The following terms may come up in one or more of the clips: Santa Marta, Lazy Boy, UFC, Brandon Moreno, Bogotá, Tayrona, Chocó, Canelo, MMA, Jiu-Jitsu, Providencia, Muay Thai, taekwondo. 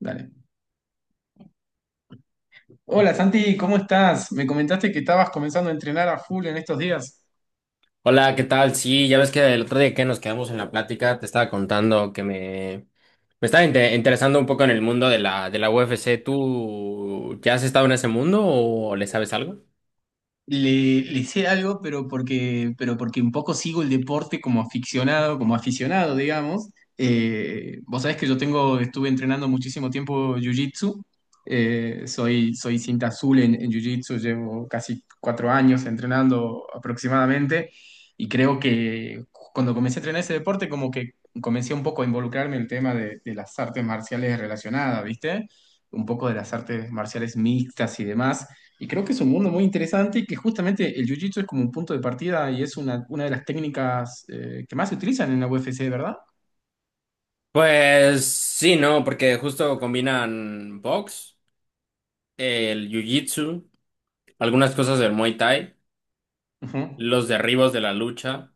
Dale. Hola Santi, ¿cómo estás? Me comentaste que estabas comenzando a entrenar a full en estos días. Hola, ¿qué tal? Sí, ya ves que el otro día que nos quedamos en la plática te estaba contando que me estaba interesando un poco en el mundo de la UFC. ¿Tú ya has estado en ese mundo o le sabes algo? Le sé algo, pero porque un poco sigo el deporte como aficionado, digamos. Vos sabés que yo tengo, estuve entrenando muchísimo tiempo Jiu-Jitsu. Soy cinta azul en Jiu-Jitsu, llevo casi cuatro años entrenando aproximadamente. Y creo que cuando comencé a entrenar ese deporte, como que comencé un poco a involucrarme en el tema de las artes marciales relacionadas, ¿viste? Un poco de las artes marciales mixtas y demás, y creo que es un mundo muy interesante y que justamente el jiu-jitsu es como un punto de partida y es una de las técnicas que más se utilizan en la UFC, ¿verdad? Pues sí, no, porque justo combinan box, el jiu-jitsu, algunas cosas del Muay Thai, Ujú. los derribos de la lucha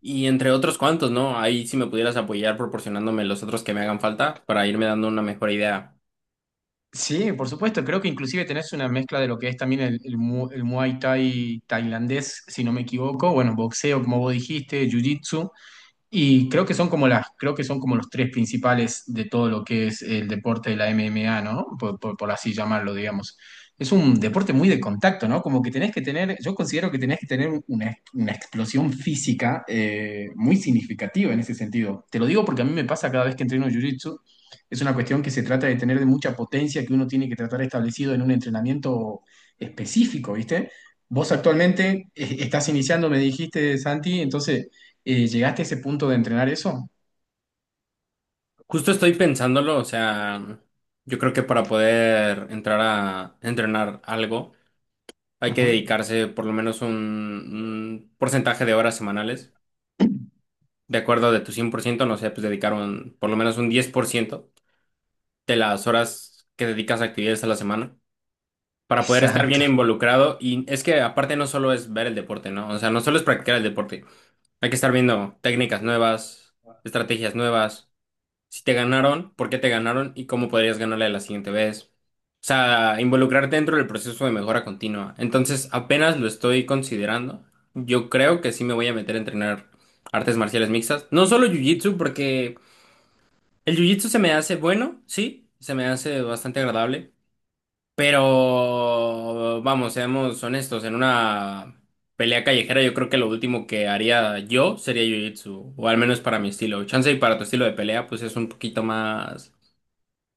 y entre otros cuantos, ¿no? Ahí si me pudieras apoyar proporcionándome los otros que me hagan falta para irme dando una mejor idea. Sí, por supuesto. Creo que inclusive tenés una mezcla de lo que es también el Muay Thai tailandés, si no me equivoco. Bueno, boxeo, como vos dijiste, jiu-jitsu. Y creo que son como las, creo que son como los tres principales de todo lo que es el deporte de la MMA, ¿no? Por así llamarlo, digamos. Es un deporte muy de contacto, ¿no? Como que tenés que tener, yo considero que tenés que tener una explosión física muy significativa en ese sentido. Te lo digo porque a mí me pasa cada vez que entreno Jiu-Jitsu, es una cuestión que se trata de tener de mucha potencia que uno tiene que tratar establecido en un entrenamiento específico, ¿viste? Vos actualmente estás iniciando, me dijiste, Santi, entonces ¿llegaste a ese punto de entrenar eso? Justo estoy pensándolo, o sea, yo creo que para poder entrar a entrenar algo hay que Ujú. dedicarse por lo menos un porcentaje de horas semanales. De acuerdo de tu 100% no sé, pues dedicar por lo menos un 10% de las horas que dedicas a actividades a la semana para poder estar bien Exacto. involucrado. Y es que aparte no solo es ver el deporte, ¿no? O sea, no solo es practicar el deporte. Hay que estar viendo técnicas nuevas, estrategias nuevas. Si te ganaron, por qué te ganaron y cómo podrías ganarle la siguiente vez. O sea, involucrarte dentro del proceso de mejora continua. Entonces, apenas lo estoy considerando. Yo creo que sí me voy a meter a entrenar artes marciales mixtas. No solo jiu-jitsu, porque el jiu-jitsu se me hace bueno, sí, se me hace bastante agradable. Pero, vamos, seamos honestos, en una pelea callejera yo creo que lo último que haría yo sería jiu-jitsu, o al menos para mi estilo. Chance y para tu estilo de pelea, pues es un poquito más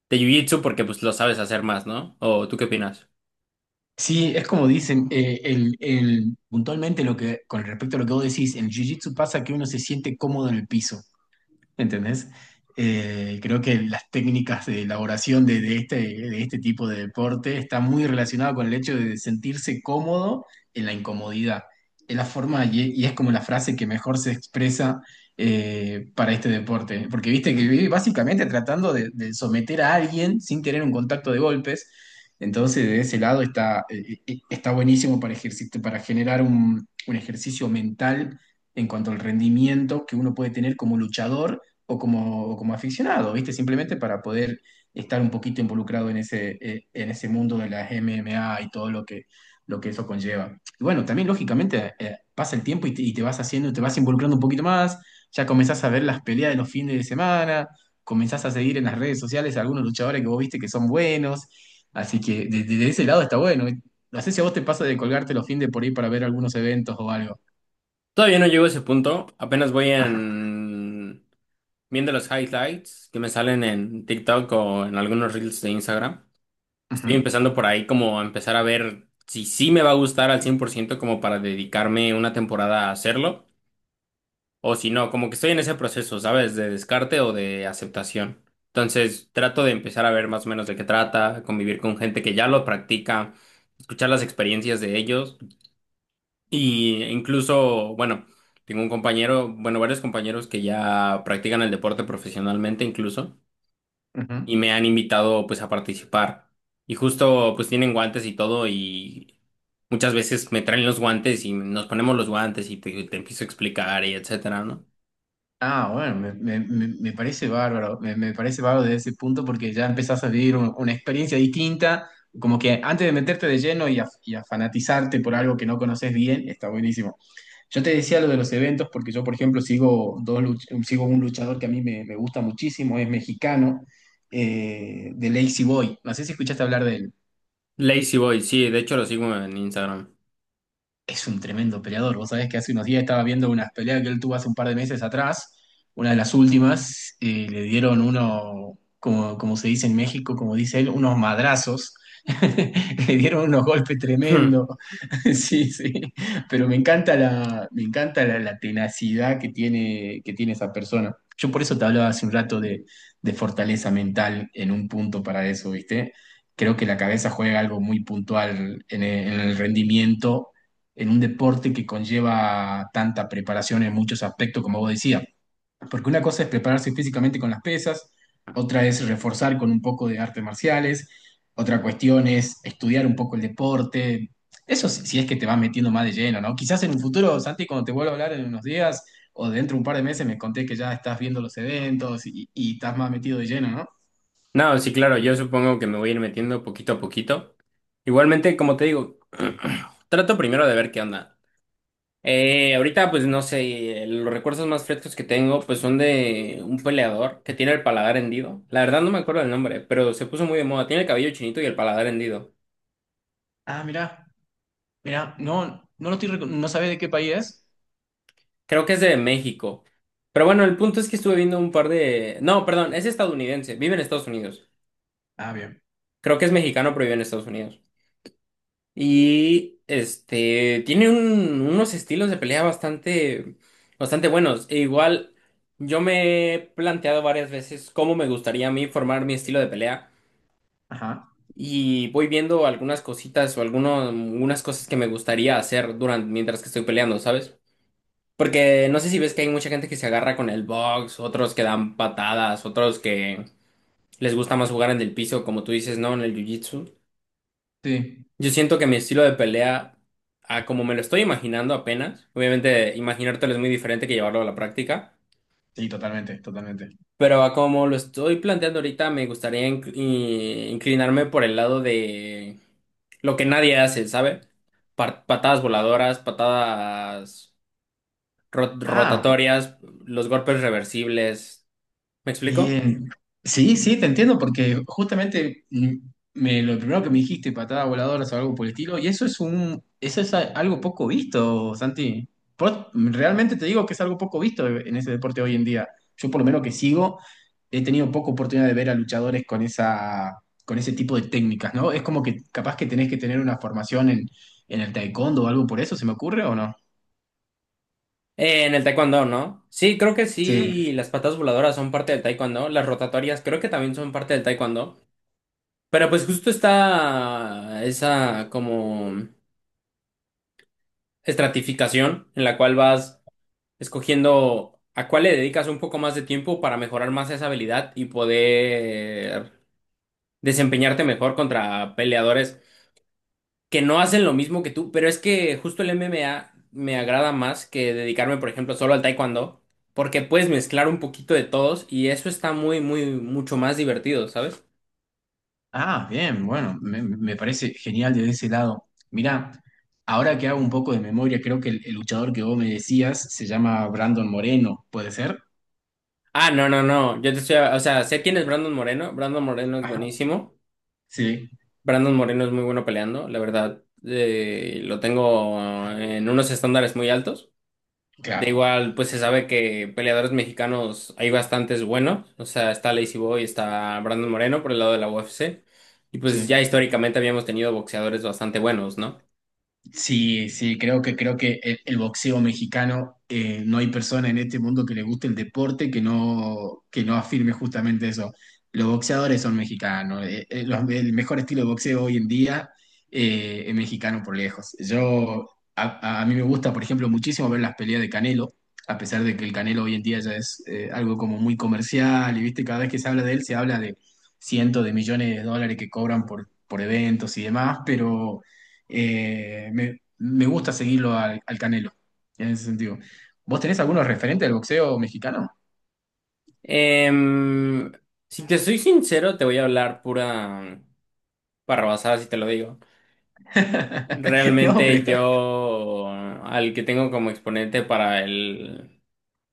de jiu-jitsu porque pues lo sabes hacer más, ¿no? ¿O tú qué opinas? Sí, es como dicen, puntualmente lo que, con respecto a lo que vos decís, en el Jiu-Jitsu pasa que uno se siente cómodo en el piso. ¿Entendés? Creo que las técnicas de elaboración de este, de este tipo de deporte está muy relacionado con el hecho de sentirse cómodo en la incomodidad. Es la forma y es como la frase que mejor se expresa para este deporte. Porque viste que vive básicamente tratando de someter a alguien sin tener un contacto de golpes. Entonces, de ese lado está buenísimo para, para generar un ejercicio mental en cuanto al rendimiento que uno puede tener como luchador o como aficionado, ¿viste? Simplemente para poder estar un poquito involucrado en ese, en ese mundo de las MMA y todo lo que eso conlleva. Y bueno, también lógicamente pasa el tiempo y te vas haciendo, te vas involucrando un poquito más, ya comenzás a ver las peleas de los fines de semana, comenzás a seguir en las redes sociales a algunos luchadores que vos viste que son buenos, así que desde de ese lado está bueno. No sé si a vos te pasa de colgarte los fines de por ahí para ver algunos eventos o algo. Todavía no llego a ese punto, apenas voy Ajá. en viendo los highlights que me salen en TikTok o en algunos reels de Instagram. Ujú, Estoy empezando por ahí como a empezar a ver si sí me va a gustar al 100% como para dedicarme una temporada a hacerlo o si no, como que estoy en ese proceso, ¿sabes? De descarte o de aceptación. Entonces trato de empezar a ver más o menos de qué trata, convivir con gente que ya lo practica, escuchar las experiencias de ellos. Y incluso, bueno, tengo un compañero, bueno, varios compañeros que ya practican el deporte profesionalmente incluso, ujú. y me han invitado pues a participar. Y justo pues tienen guantes y todo, y muchas veces me traen los guantes y nos ponemos los guantes y te empiezo a explicar y etcétera, ¿no? Ah, bueno, me parece bárbaro, me parece bárbaro desde ese punto porque ya empezás a vivir una experiencia distinta, como que antes de meterte de lleno y a fanatizarte por algo que no conoces bien, está buenísimo. Yo te decía lo de los eventos porque yo, por ejemplo, sigo, sigo un luchador que a mí me, me gusta muchísimo, es mexicano, de Lazy Boy, no sé si escuchaste hablar de él. Lazy Boy, sí, de hecho lo sigo en Instagram. Es un tremendo peleador. Vos sabés que hace unos días estaba viendo unas peleas que él tuvo hace un par de meses atrás, una de las últimas, le dieron uno, como, como se dice en México, como dice él, unos madrazos. Le dieron unos golpes Hmm. tremendos. Sí, sí. Pero me encanta la, me encanta la tenacidad que tiene esa persona. Yo por eso te hablaba hace un rato de fortaleza mental en un punto para eso, ¿viste? Creo que la cabeza juega algo muy puntual en el rendimiento en un deporte que conlleva tanta preparación en muchos aspectos, como vos decías. Porque una cosa es prepararse físicamente con las pesas, otra es reforzar con un poco de artes marciales, otra cuestión es estudiar un poco el deporte. Eso si es que te vas metiendo más de lleno, ¿no? Quizás en un futuro, Santi, cuando te vuelva a hablar en unos días o dentro de un par de meses, me conté que ya estás viendo los eventos y estás más metido de lleno, ¿no? No, sí, claro, yo supongo que me voy a ir metiendo poquito a poquito. Igualmente, como te digo, trato primero de ver qué onda. Ahorita, pues no sé, los recuerdos más frescos que tengo, pues son de un peleador que tiene el paladar hendido. La verdad no me acuerdo del nombre, pero se puso muy de moda. Tiene el cabello chinito y el paladar hendido. Ah, mirá, no, no lo estoy, no sabés de qué país es. Creo que es de México. Pero bueno, el punto es que estuve viendo un par de... No, perdón, es estadounidense, vive en Estados Unidos. Ah, bien. Creo que es mexicano, pero vive en Estados Unidos. Y este, tiene unos estilos de pelea bastante, bastante buenos. E igual, yo me he planteado varias veces cómo me gustaría a mí formar mi estilo de pelea. Ajá. Y voy viendo algunas cositas o algunos, algunas cosas que me gustaría hacer durante, mientras que estoy peleando, ¿sabes? Porque no sé si ves que hay mucha gente que se agarra con el box, otros que dan patadas, otros que les gusta más jugar en el piso, como tú dices, ¿no? En el jiu-jitsu. Sí, Yo siento que mi estilo de pelea, a como me lo estoy imaginando apenas, obviamente imaginártelo es muy diferente que llevarlo a la práctica. sí, totalmente, totalmente. Pero a como lo estoy planteando ahorita, me gustaría inclinarme por el lado de lo que nadie hace, ¿sabe? Patadas voladoras, patadas Ah, rotatorias, los golpes reversibles. ¿Me explico? bien. Sí, sí, te entiendo, porque justamente me, lo primero que me dijiste, patadas voladoras o algo por el estilo, y eso es un, eso es algo poco visto, Santi. Realmente te digo que es algo poco visto en ese deporte hoy en día. Yo por lo menos que sigo, he tenido poca oportunidad de ver a luchadores con esa, con ese tipo de técnicas, ¿no? Es como que capaz que tenés que tener una formación en el taekwondo o algo por eso, ¿se me ocurre o no? En el taekwondo, ¿no? Sí, creo que Sí. sí, las patadas voladoras son parte del taekwondo, las rotatorias creo que también son parte del taekwondo. Pero pues justo está esa como estratificación en la cual vas escogiendo a cuál le dedicas un poco más de tiempo para mejorar más esa habilidad y poder desempeñarte mejor contra peleadores que no hacen lo mismo que tú. Pero es que justo el MMA me agrada más que dedicarme, por ejemplo, solo al taekwondo, porque puedes mezclar un poquito de todos y eso está muy, muy, mucho más divertido, ¿sabes? Ah, bien, bueno, me parece genial desde ese lado. Mirá, ahora que hago un poco de memoria, creo que el luchador que vos me decías se llama Brandon Moreno, ¿puede ser? Ah, no, no, no. Yo te estoy, o sea, sé quién es Brandon Moreno. Brandon Moreno es Ajá. buenísimo. Sí, Brandon Moreno es muy bueno peleando, la verdad. Lo tengo en unos estándares muy altos. De claro, igual, pues se sabe que peleadores mexicanos hay bastantes buenos. O sea, está Lazy Boy, está Brandon Moreno por el lado de la UFC. Y pues sí. ya históricamente habíamos tenido boxeadores bastante buenos, ¿no? Sí, sí, creo que el boxeo mexicano, no hay persona en este mundo que le guste el deporte que no afirme justamente eso. Los boxeadores son mexicanos. El mejor estilo de boxeo hoy en día es mexicano por lejos. Yo a mí me gusta, por ejemplo, muchísimo ver las peleas de Canelo, a pesar de que el Canelo hoy en día ya es algo como muy comercial, y viste, cada vez que se habla de él, se habla de cientos de millones de dólares que cobran por eventos y demás, pero me gusta seguirlo al Canelo, en ese sentido. ¿Vos tenés algunos referentes del boxeo mexicano? Em, si te soy sincero, te voy a hablar pura barrabasada si te lo digo. No, pero Realmente está. yo al que tengo como exponente para el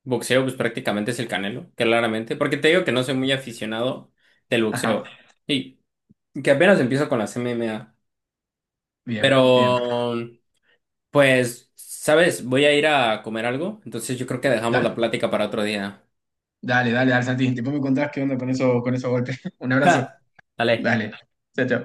boxeo, pues prácticamente es el Canelo, claramente. Porque te digo que no soy muy aficionado del Ajá, boxeo. Y que apenas empiezo con las MMA. bien, bien. Pero, pues, ¿sabes? Voy a ir a comer algo, entonces yo creo que dejamos la Dale, plática para otro día. dale, dale, dale, Santi. Después me contás qué onda con eso, con esos golpes. Un abrazo. ¡Ja! Dale. Dale. Chao, chao.